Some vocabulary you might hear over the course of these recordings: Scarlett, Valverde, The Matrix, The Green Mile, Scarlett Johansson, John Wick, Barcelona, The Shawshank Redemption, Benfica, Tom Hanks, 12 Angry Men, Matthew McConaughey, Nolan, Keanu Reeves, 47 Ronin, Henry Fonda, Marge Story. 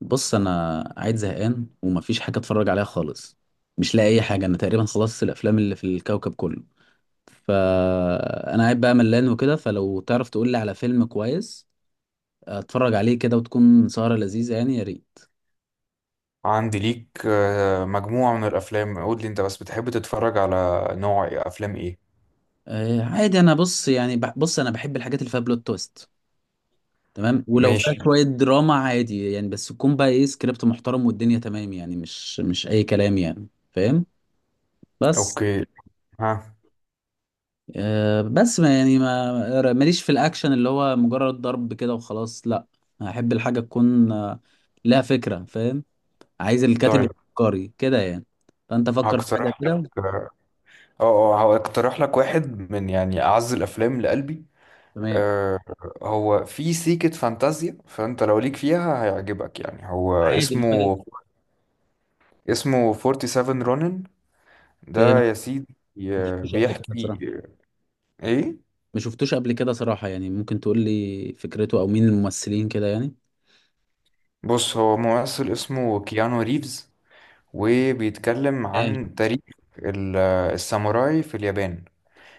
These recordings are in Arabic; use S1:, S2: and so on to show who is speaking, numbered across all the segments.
S1: بص، انا قاعد زهقان ومفيش حاجه اتفرج عليها خالص. مش لاقي اي حاجه. انا تقريبا خلصت الافلام اللي في الكوكب كله. فانا قاعد بقى ملان وكده. فلو تعرف تقول لي على فيلم كويس اتفرج عليه كده، وتكون سهره لذيذه يعني، يا ريت.
S2: عندي ليك مجموعة من الأفلام. قول لي أنت بس بتحب تتفرج على نوع أفلام إيه؟
S1: آه، عادي. انا بص يعني، بص انا بحب الحاجات اللي فيها بلوت تويست. تمام، ولو فيها
S2: ماشي.
S1: شويه دراما عادي يعني، بس تكون بقى ايه سكريبت محترم والدنيا تمام، يعني مش اي كلام يعني، فاهم. بس
S2: أوكي. ها.
S1: بس ما يعني، ما ماليش في الاكشن اللي هو مجرد ضرب كده وخلاص، لا. احب الحاجه تكون لها فكره، فاهم. عايز الكاتب
S2: طيب
S1: يفكري كده يعني. فانت فكر في حاجه
S2: هقترح لك
S1: كده.
S2: آه آه، أه هقترح لك واحد من يعني أعز الأفلام لقلبي.
S1: تمام.
S2: آه، هو في سيكة فانتازيا، فأنت لو ليك فيها هيعجبك. يعني هو
S1: عادي، بقول لك.
S2: اسمه 47 رونن،
S1: أوكي،
S2: ده
S1: ما
S2: يا سيدي.
S1: شفتوش قبل كده
S2: بيحكي.
S1: صراحه.
S2: إيه؟
S1: ما شفتوش قبل كده صراحه يعني. ممكن تقول لي فكرته، او مين الممثلين كده يعني.
S2: بص، هو ممثل اسمه كيانو ريفز، وبيتكلم
S1: آه،
S2: عن تاريخ ال- الساموراي في اليابان.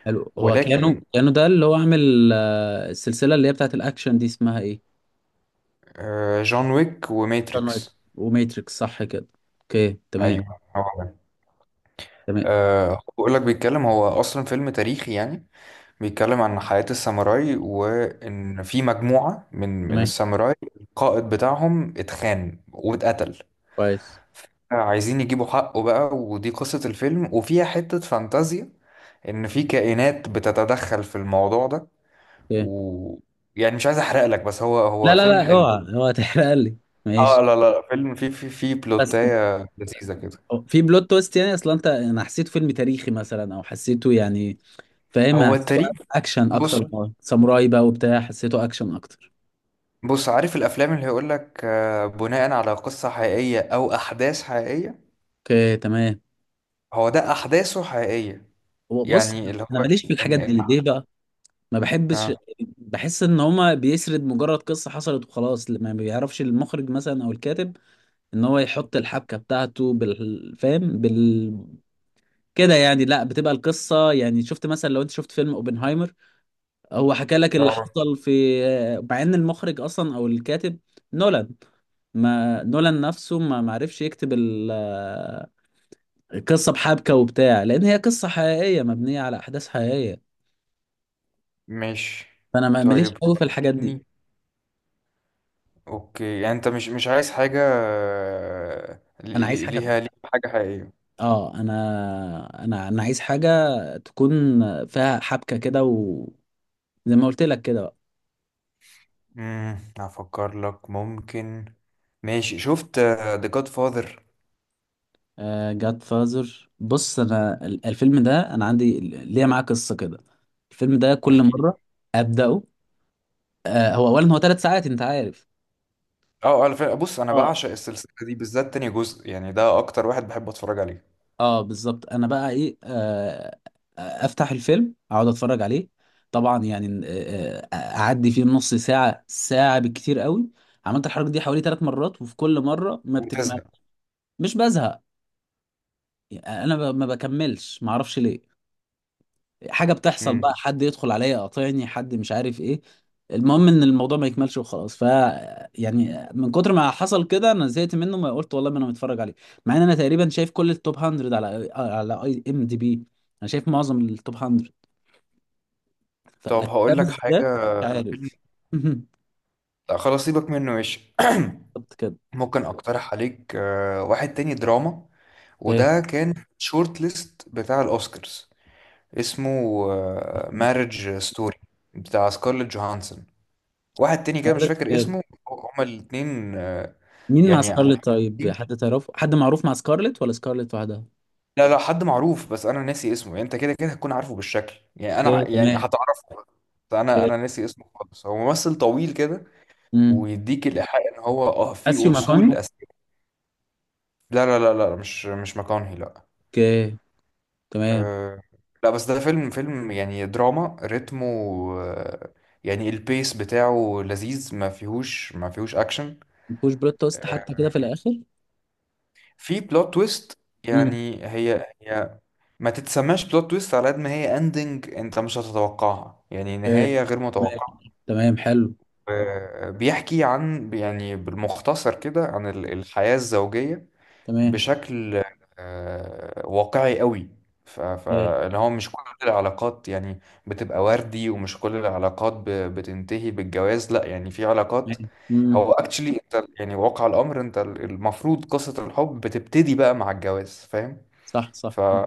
S1: حلو. هو كانوا
S2: ولكن
S1: كانوا ده اللي هو عامل السلسله اللي هي بتاعت الاكشن دي اسمها ايه؟
S2: جون ويك
S1: Sunlight.
S2: وماتريكس.
S1: وماتريكس، صح كده. اوكي، تمام.
S2: ايوه هو ده.
S1: تمام
S2: بقول لك، بيتكلم، هو اصلا فيلم تاريخي يعني. بيتكلم عن حياة الساموراي، وان في مجموعة من
S1: تمام،
S2: الساموراي، القائد بتاعهم اتخان واتقتل،
S1: كويس.
S2: عايزين يجيبوا حقه بقى. ودي قصة الفيلم. وفيها حتة فانتازيا، ان في كائنات بتتدخل في الموضوع ده.
S1: اوكي.
S2: و يعني مش عايز احرق لك، بس هو هو
S1: لا لا
S2: فيلم
S1: لا،
S2: حلو.
S1: اوعى اوعى تحرق لي. ماشي.
S2: اه لا لا لا، فيلم فيه
S1: بس
S2: بلوتاية لذيذة كده.
S1: في بلوت تويست يعني. اصلا انا حسيته فيلم تاريخي مثلا، او حسيته يعني، فاهم؟
S2: هو
S1: حسيته
S2: التاريخ.
S1: اكشن
S2: بص
S1: اكتر. ساموراي بقى وبتاع، حسيته اكشن اكتر.
S2: بص عارف الافلام اللي هيقول لك بناء على قصة حقيقية او احداث حقيقية؟
S1: اوكي، تمام.
S2: هو ده احداثه حقيقية،
S1: هو بص،
S2: يعني اللي
S1: انا
S2: هو
S1: ماليش
S2: ان
S1: في الحاجات
S2: ان
S1: دي ليه بقى. ما بحبش.
S2: اه
S1: بحس ان هما بيسرد مجرد قصة حصلت وخلاص. ما بيعرفش المخرج مثلا، او الكاتب، ان هو يحط الحبكة بتاعته، بالفهم، بال فاهم؟ كده يعني. لا، بتبقى القصة يعني، شفت مثلا، لو انت شفت فيلم اوبنهايمر، هو حكى لك اللي
S2: اه
S1: حصل، في، مع ان المخرج اصلا او الكاتب نولان، ما نولان نفسه ما معرفش يكتب القصه بحبكه وبتاع، لان هي قصه حقيقيه مبنيه على احداث حقيقيه.
S2: مش.
S1: فانا ماليش
S2: طيب.
S1: قوي في الحاجات دي.
S2: مم. اوكي، يعني انت مش عايز حاجة
S1: انا عايز حاجه
S2: ليها
S1: فيها.
S2: حاجة حقيقية.
S1: انا عايز حاجه تكون فيها حبكه كده، وزي ما قلت لك كده بقى.
S2: امم، افكر لك. ممكن. ماشي، شفت ذا جاد فاذر؟
S1: جاد فازر، بص انا الفيلم ده انا عندي ليه معاه قصه كده. الفيلم ده كل
S2: احكي لي.
S1: مره ابداه. آه، هو اولا هو 3 ساعات، انت عارف.
S2: اه، على فكره، بص انا
S1: اه
S2: بعشق السلسله دي، بالذات تاني جزء، يعني ده اكتر واحد بحب اتفرج عليه.
S1: اه، بالظبط. انا بقى ايه، افتح الفيلم اقعد اتفرج عليه، طبعا يعني، اعدي فيه نص ساعه ساعه بالكتير قوي. عملت الحركه دي حوالي 3 مرات، وفي كل مره ما بتكمل.
S2: وتزهق.
S1: مش بزهق يعني. انا، ما بكملش، ما اعرفش ليه. حاجه بتحصل بقى،
S2: امم.
S1: حد يدخل عليا يقاطعني، حد، مش عارف ايه. المهم ان الموضوع ما يكملش وخلاص. يعني من كتر ما حصل كده انا زهقت منه. ما قلت والله، ما انا متفرج عليه، مع ان انا تقريبا شايف كل التوب 100 على اي ام دي بي. انا شايف معظم التوب 100.
S2: طب
S1: لكن ده
S2: هقول لك حاجه،
S1: بالذات مش
S2: فيلم.
S1: عارف.
S2: لا، خلاص سيبك منه، ماشي.
S1: بالظبط كده.
S2: ممكن اقترح عليك واحد تاني دراما،
S1: اوكي.
S2: وده كان شورت ليست بتاع الاوسكارز. اسمه مارج ستوري، بتاع سكارليت جوهانسون. واحد تاني كده مش
S1: سكارلت،
S2: فاكر
S1: اوكي.
S2: اسمه. هما الاتنين
S1: مين مع
S2: يعني
S1: سكارلت؟ طيب،
S2: محمدين.
S1: حد تعرفه، حد معروف مع سكارلت ولا سكارلت وحدها؟
S2: لا لا، حد معروف، بس انا ناسي اسمه. يعني انت كده كده هتكون عارفه بالشكل،
S1: اوكي،
S2: يعني
S1: تمام.
S2: هتعرفه. بس انا
S1: اوكي.
S2: انا ناسي اسمه خالص. هو ممثل طويل كده،
S1: امم
S2: ويديك الايحاء ان هو اه في
S1: ماثيو
S2: اصول
S1: ماكوني.
S2: أساسية. لا مش مكانهي، لا.
S1: اوكي، تمام.
S2: أه، لا بس ده فيلم يعني دراما، رتمه آه، يعني البيس بتاعه لذيذ. ما فيهوش اكشن.
S1: ما فيهوش بلوت تويست حتى كده في الاخر؟
S2: في بلوت تويست،
S1: امم
S2: يعني هي ما تتسماش بلوت تويست على قد ما هي اندنج، انت مش هتتوقعها، يعني
S1: تمام
S2: نهاية غير متوقعة.
S1: تمام، حلو.
S2: بيحكي عن، يعني بالمختصر كده، عن الحياة الزوجية،
S1: تمام.
S2: بشكل واقعي قوي.
S1: إيه،
S2: فاللي هو مش كل العلاقات يعني بتبقى وردي، ومش كل العلاقات بتنتهي بالجواز، لا يعني في علاقات،
S1: تمام.
S2: هو اكشلي انت يعني واقع الامر انت المفروض قصة الحب بتبتدي بقى مع الجواز، فاهم؟
S1: صح صح.
S2: فهو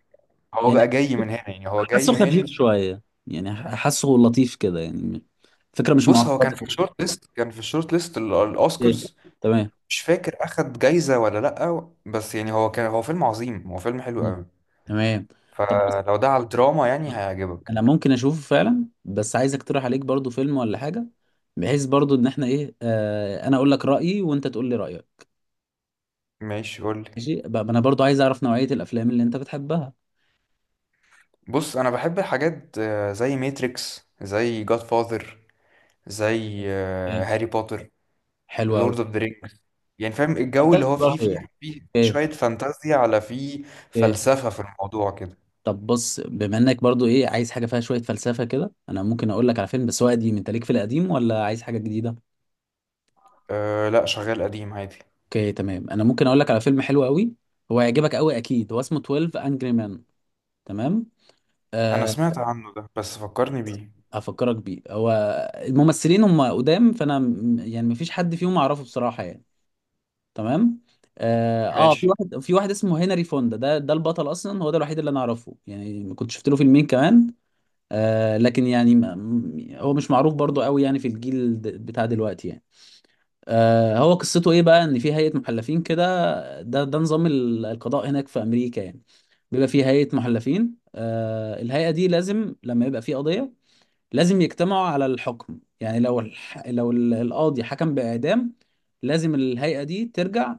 S1: يعني
S2: بقى جاي من هنا، يعني هو
S1: حاسه
S2: جاي
S1: خفيف
S2: من.
S1: شويه، يعني حاسه لطيف كده يعني. فكره مش
S2: بص هو كان
S1: معقده.
S2: في الشورت ليست،
S1: إيه،
S2: الاوسكارز.
S1: تمام.
S2: مش فاكر اخد جايزة ولا لا، بس يعني هو كان، هو فيلم عظيم، هو فيلم حلو
S1: مم.
S2: قوي.
S1: تمام. طب بص،
S2: فلو ده على الدراما يعني
S1: انا
S2: هيعجبك.
S1: ممكن اشوفه فعلا، بس عايز اقترح عليك برضو فيلم ولا حاجه، بحيث برضو ان احنا ايه، انا اقول لك رايي وانت تقول لي رايك.
S2: ماشي، قولي.
S1: ماشي بقى، انا برضو عايز اعرف نوعيه الافلام اللي انت بتحبها.
S2: بص انا بحب الحاجات زي ماتريكس، زي جاد فاذر، زي
S1: تمام.
S2: هاري بوتر،
S1: حلو قوي.
S2: لورد اوف ذا رينجز. يعني فاهم الجو اللي
S1: فانتازي
S2: هو فيه
S1: برضه
S2: فيه
S1: يعني.
S2: فيه فيه
S1: ايه
S2: شوية فانتازيا، على فيه
S1: ايه.
S2: فلسفة في الموضوع كده.
S1: طب بص، بما انك برضه ايه عايز حاجه فيها شويه فلسفه كده، انا ممكن اقول لك على فيلم، بس هو قديم. انت ليك في القديم، ولا عايز حاجه جديده؟
S2: أه لا، شغال قديم عادي.
S1: اوكي، تمام. انا ممكن اقول لك على فيلم حلو قوي، هو هيعجبك قوي اكيد. هو اسمه 12 انجري مان. تمام.
S2: انا
S1: أه.
S2: سمعت عنه ده، بس فكرني بيه.
S1: هفكرك بيه. هو الممثلين هم قدام، فانا، يعني مفيش حد فيهم اعرفه بصراحه يعني. تمام. اه، في
S2: ماشي.
S1: واحد، اسمه هنري فوندا. ده البطل اصلا، هو ده الوحيد اللي انا اعرفه يعني، كنت شفت له فيلمين كمان. آه، لكن يعني هو مش معروف برضو قوي، يعني في الجيل بتاع دلوقتي يعني. هو قصته ايه بقى؟ ان في هيئة محلفين كده. ده نظام القضاء هناك في امريكا يعني. بيبقى في هيئة محلفين. الهيئة دي لازم، لما يبقى في قضية، لازم يجتمعوا على الحكم. يعني لو القاضي حكم بإعدام، لازم الهيئة دي ترجع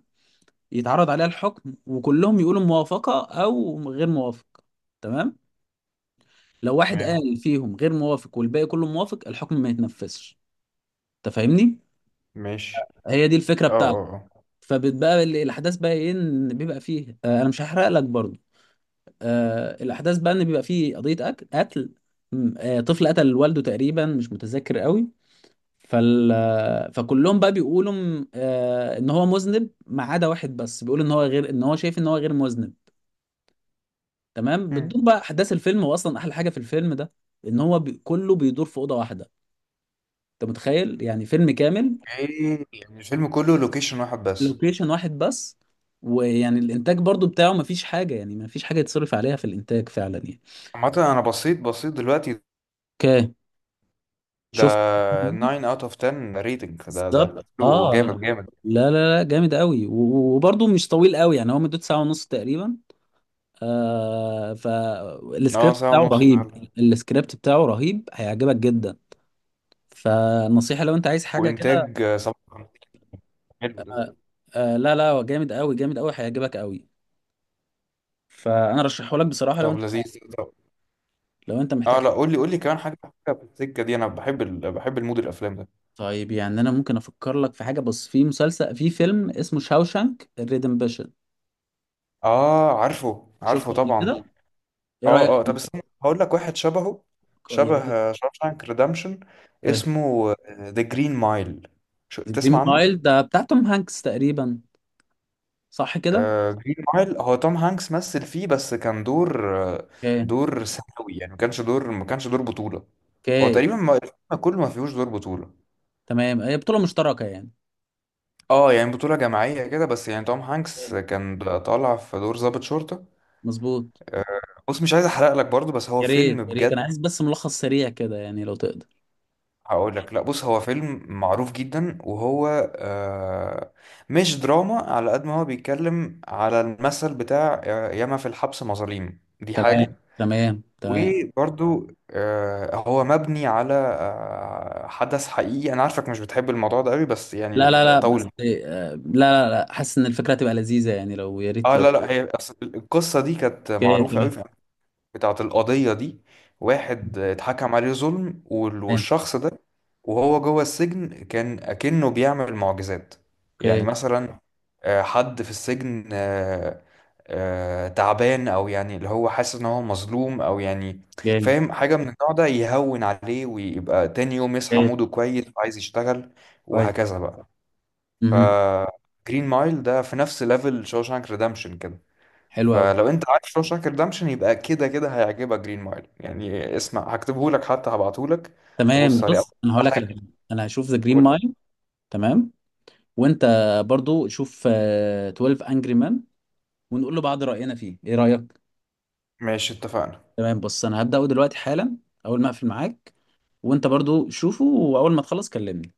S1: يتعرض عليها الحكم، وكلهم يقولوا موافقة او غير موافق. تمام. لو واحد
S2: تمام.
S1: قال فيهم غير موافق، والباقي كله موافق، الحكم ما يتنفذش. انت فاهمني.
S2: ماشي.
S1: هي دي الفكره
S2: اه
S1: بتاعته.
S2: اه اه.
S1: فبتبقى الاحداث بقى ايه؟ ان بيبقى فيه، انا مش هحرق لك برضو. الاحداث بقى ان بيبقى فيه قضيه قتل. طفل قتل والده تقريبا، مش متذكر قوي. فال آه، فكلهم بقى بيقولوا، ان هو مذنب، ما عدا واحد بس بيقول ان هو غير، ان هو شايف ان هو غير مذنب. تمام.
S2: مم.
S1: بتدور بقى احداث الفيلم. واصلا احلى حاجه في الفيلم ده، ان هو كله بيدور في اوضه واحده. انت متخيل؟ يعني فيلم كامل
S2: ايه يعني الفيلم كله لوكيشن واحد بس؟
S1: لوكيشن واحد بس. ويعني الانتاج برضو بتاعه مفيش حاجه، يعني مفيش حاجه يتصرف عليها في الانتاج فعلا يعني.
S2: عامة انا بصيت دلوقتي،
S1: اوكي.
S2: ده
S1: شفت.
S2: 9 اوت اوف 10 ريتنج. ده
S1: بالظبط،
S2: حلو
S1: اه.
S2: جامد.
S1: لا لا لا، جامد قوي، وبرضو مش طويل قوي، يعني هو مدته ساعه ونص تقريبا. آه،
S2: اه
S1: فالسكريبت
S2: ساعة
S1: بتاعه
S2: ونص
S1: رهيب.
S2: فعلا.
S1: السكريبت بتاعه رهيب، هيعجبك جدا. فنصيحه لو انت عايز حاجه كده.
S2: وانتاج 57. حلو ده.
S1: آه لا لا، هو جامد قوي، جامد قوي، هيعجبك قوي. فانا رشحه لك بصراحه. لو
S2: طب
S1: انت
S2: لذيذ، طب.
S1: لو انت
S2: اه
S1: محتاج.
S2: لا، قول لي كمان حاجة، حاجة في السكة دي. انا بحب ال... بحب المود الافلام ده.
S1: طيب يعني، انا ممكن افكر لك في حاجه، بس في مسلسل، في فيلم اسمه شاوشانك ريدمبشن.
S2: اه عارفه
S1: شفته قبل
S2: طبعا.
S1: كده؟ ايه
S2: اه
S1: رايك
S2: اه طب
S1: فيه؟
S2: استنى هقول لك واحد شبهه،
S1: آه، يا
S2: شبه
S1: ريت.
S2: شاوشانك ريدمشن.
S1: اوكي.
S2: اسمه ذا جرين مايل، شو تسمع
S1: جرين
S2: عنه.
S1: مايل ده بتاع توم هانكس تقريبا، صح كده؟
S2: جرين مايل هو توم هانكس مثل فيه، بس كان دور
S1: اوكي.
S2: دور ثانوي يعني. ما كانش دور بطولة. هو
S1: اوكي،
S2: تقريبا، ما الفيلم كله ما فيهوش دور بطولة.
S1: تمام. هي بطوله مشتركه يعني.
S2: اه، يعني بطولة جماعية كده، بس يعني توم هانكس
S1: أوكي،
S2: كان طالع في دور ضابط شرطة.
S1: مظبوط.
S2: آه، بص مش عايز احرق لك برضو، بس هو
S1: يا ريت
S2: فيلم
S1: يا ريت، انا
S2: بجد.
S1: عايز بس ملخص سريع كده يعني لو تقدر.
S2: هقول لك، لا بص هو فيلم معروف جدا، وهو آه، مش دراما على قد ما هو بيتكلم على المثل بتاع ياما في الحبس مظاليم، دي
S1: تمام
S2: حاجة.
S1: تمام تمام.
S2: وبرضو هو مبني على حدث حقيقي. انا عارفك مش بتحب الموضوع ده قوي، بس
S1: لا
S2: يعني
S1: لا لا، بس.
S2: طول.
S1: آه، لا. لا لا، حاسس ان الفكره هتبقى لذيذه يعني، لو، يا ريت،
S2: اه
S1: لو.
S2: لا لا، هي أصل القصه دي كانت
S1: اوكي،
S2: معروفه قوي،
S1: تمام.
S2: بتاعت القضية دي. واحد اتحكم عليه ظلم،
S1: تمام.
S2: والشخص ده وهو جوه السجن كان أكنه بيعمل معجزات. يعني
S1: اوكي.
S2: مثلا حد في السجن تعبان، أو يعني اللي هو حاسس إن هو مظلوم، أو يعني
S1: جامد.
S2: فاهم حاجة من النوع ده، يهون عليه ويبقى تاني يوم يصحى
S1: اوكي.
S2: موده كويس وعايز يشتغل،
S1: كويس.
S2: وهكذا بقى. ف
S1: مهم.
S2: جرين مايل ده في نفس ليفل شوشانك ريدمشن كده.
S1: حلو قوي.
S2: فلو انت عارف شوشانك ريدمشن يبقى كده كده هيعجبك جرين مايل. يعني اسمع، هكتبهولك حتى، هبعتهولك
S1: تمام،
S2: تبص عليه
S1: بص انا هقول
S2: اول
S1: لك على
S2: حاجة.
S1: حاجه. انا هشوف ذا جرين
S2: قول لي.
S1: مايل. تمام. وانت برضو شوف 12 انجري مان، ونقول لبعض راينا فيه ايه رايك.
S2: ماشي، اتفقنا.
S1: تمام. بص انا هبداه دلوقتي حالا، اول ما اقفل معاك. وانت برضو شوفه، واول ما تخلص كلمني.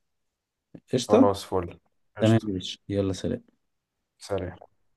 S1: قشطه.
S2: خلاص، فل.
S1: تمام
S2: قشطة.
S1: يا باشا، يلا، سلام.
S2: سلام.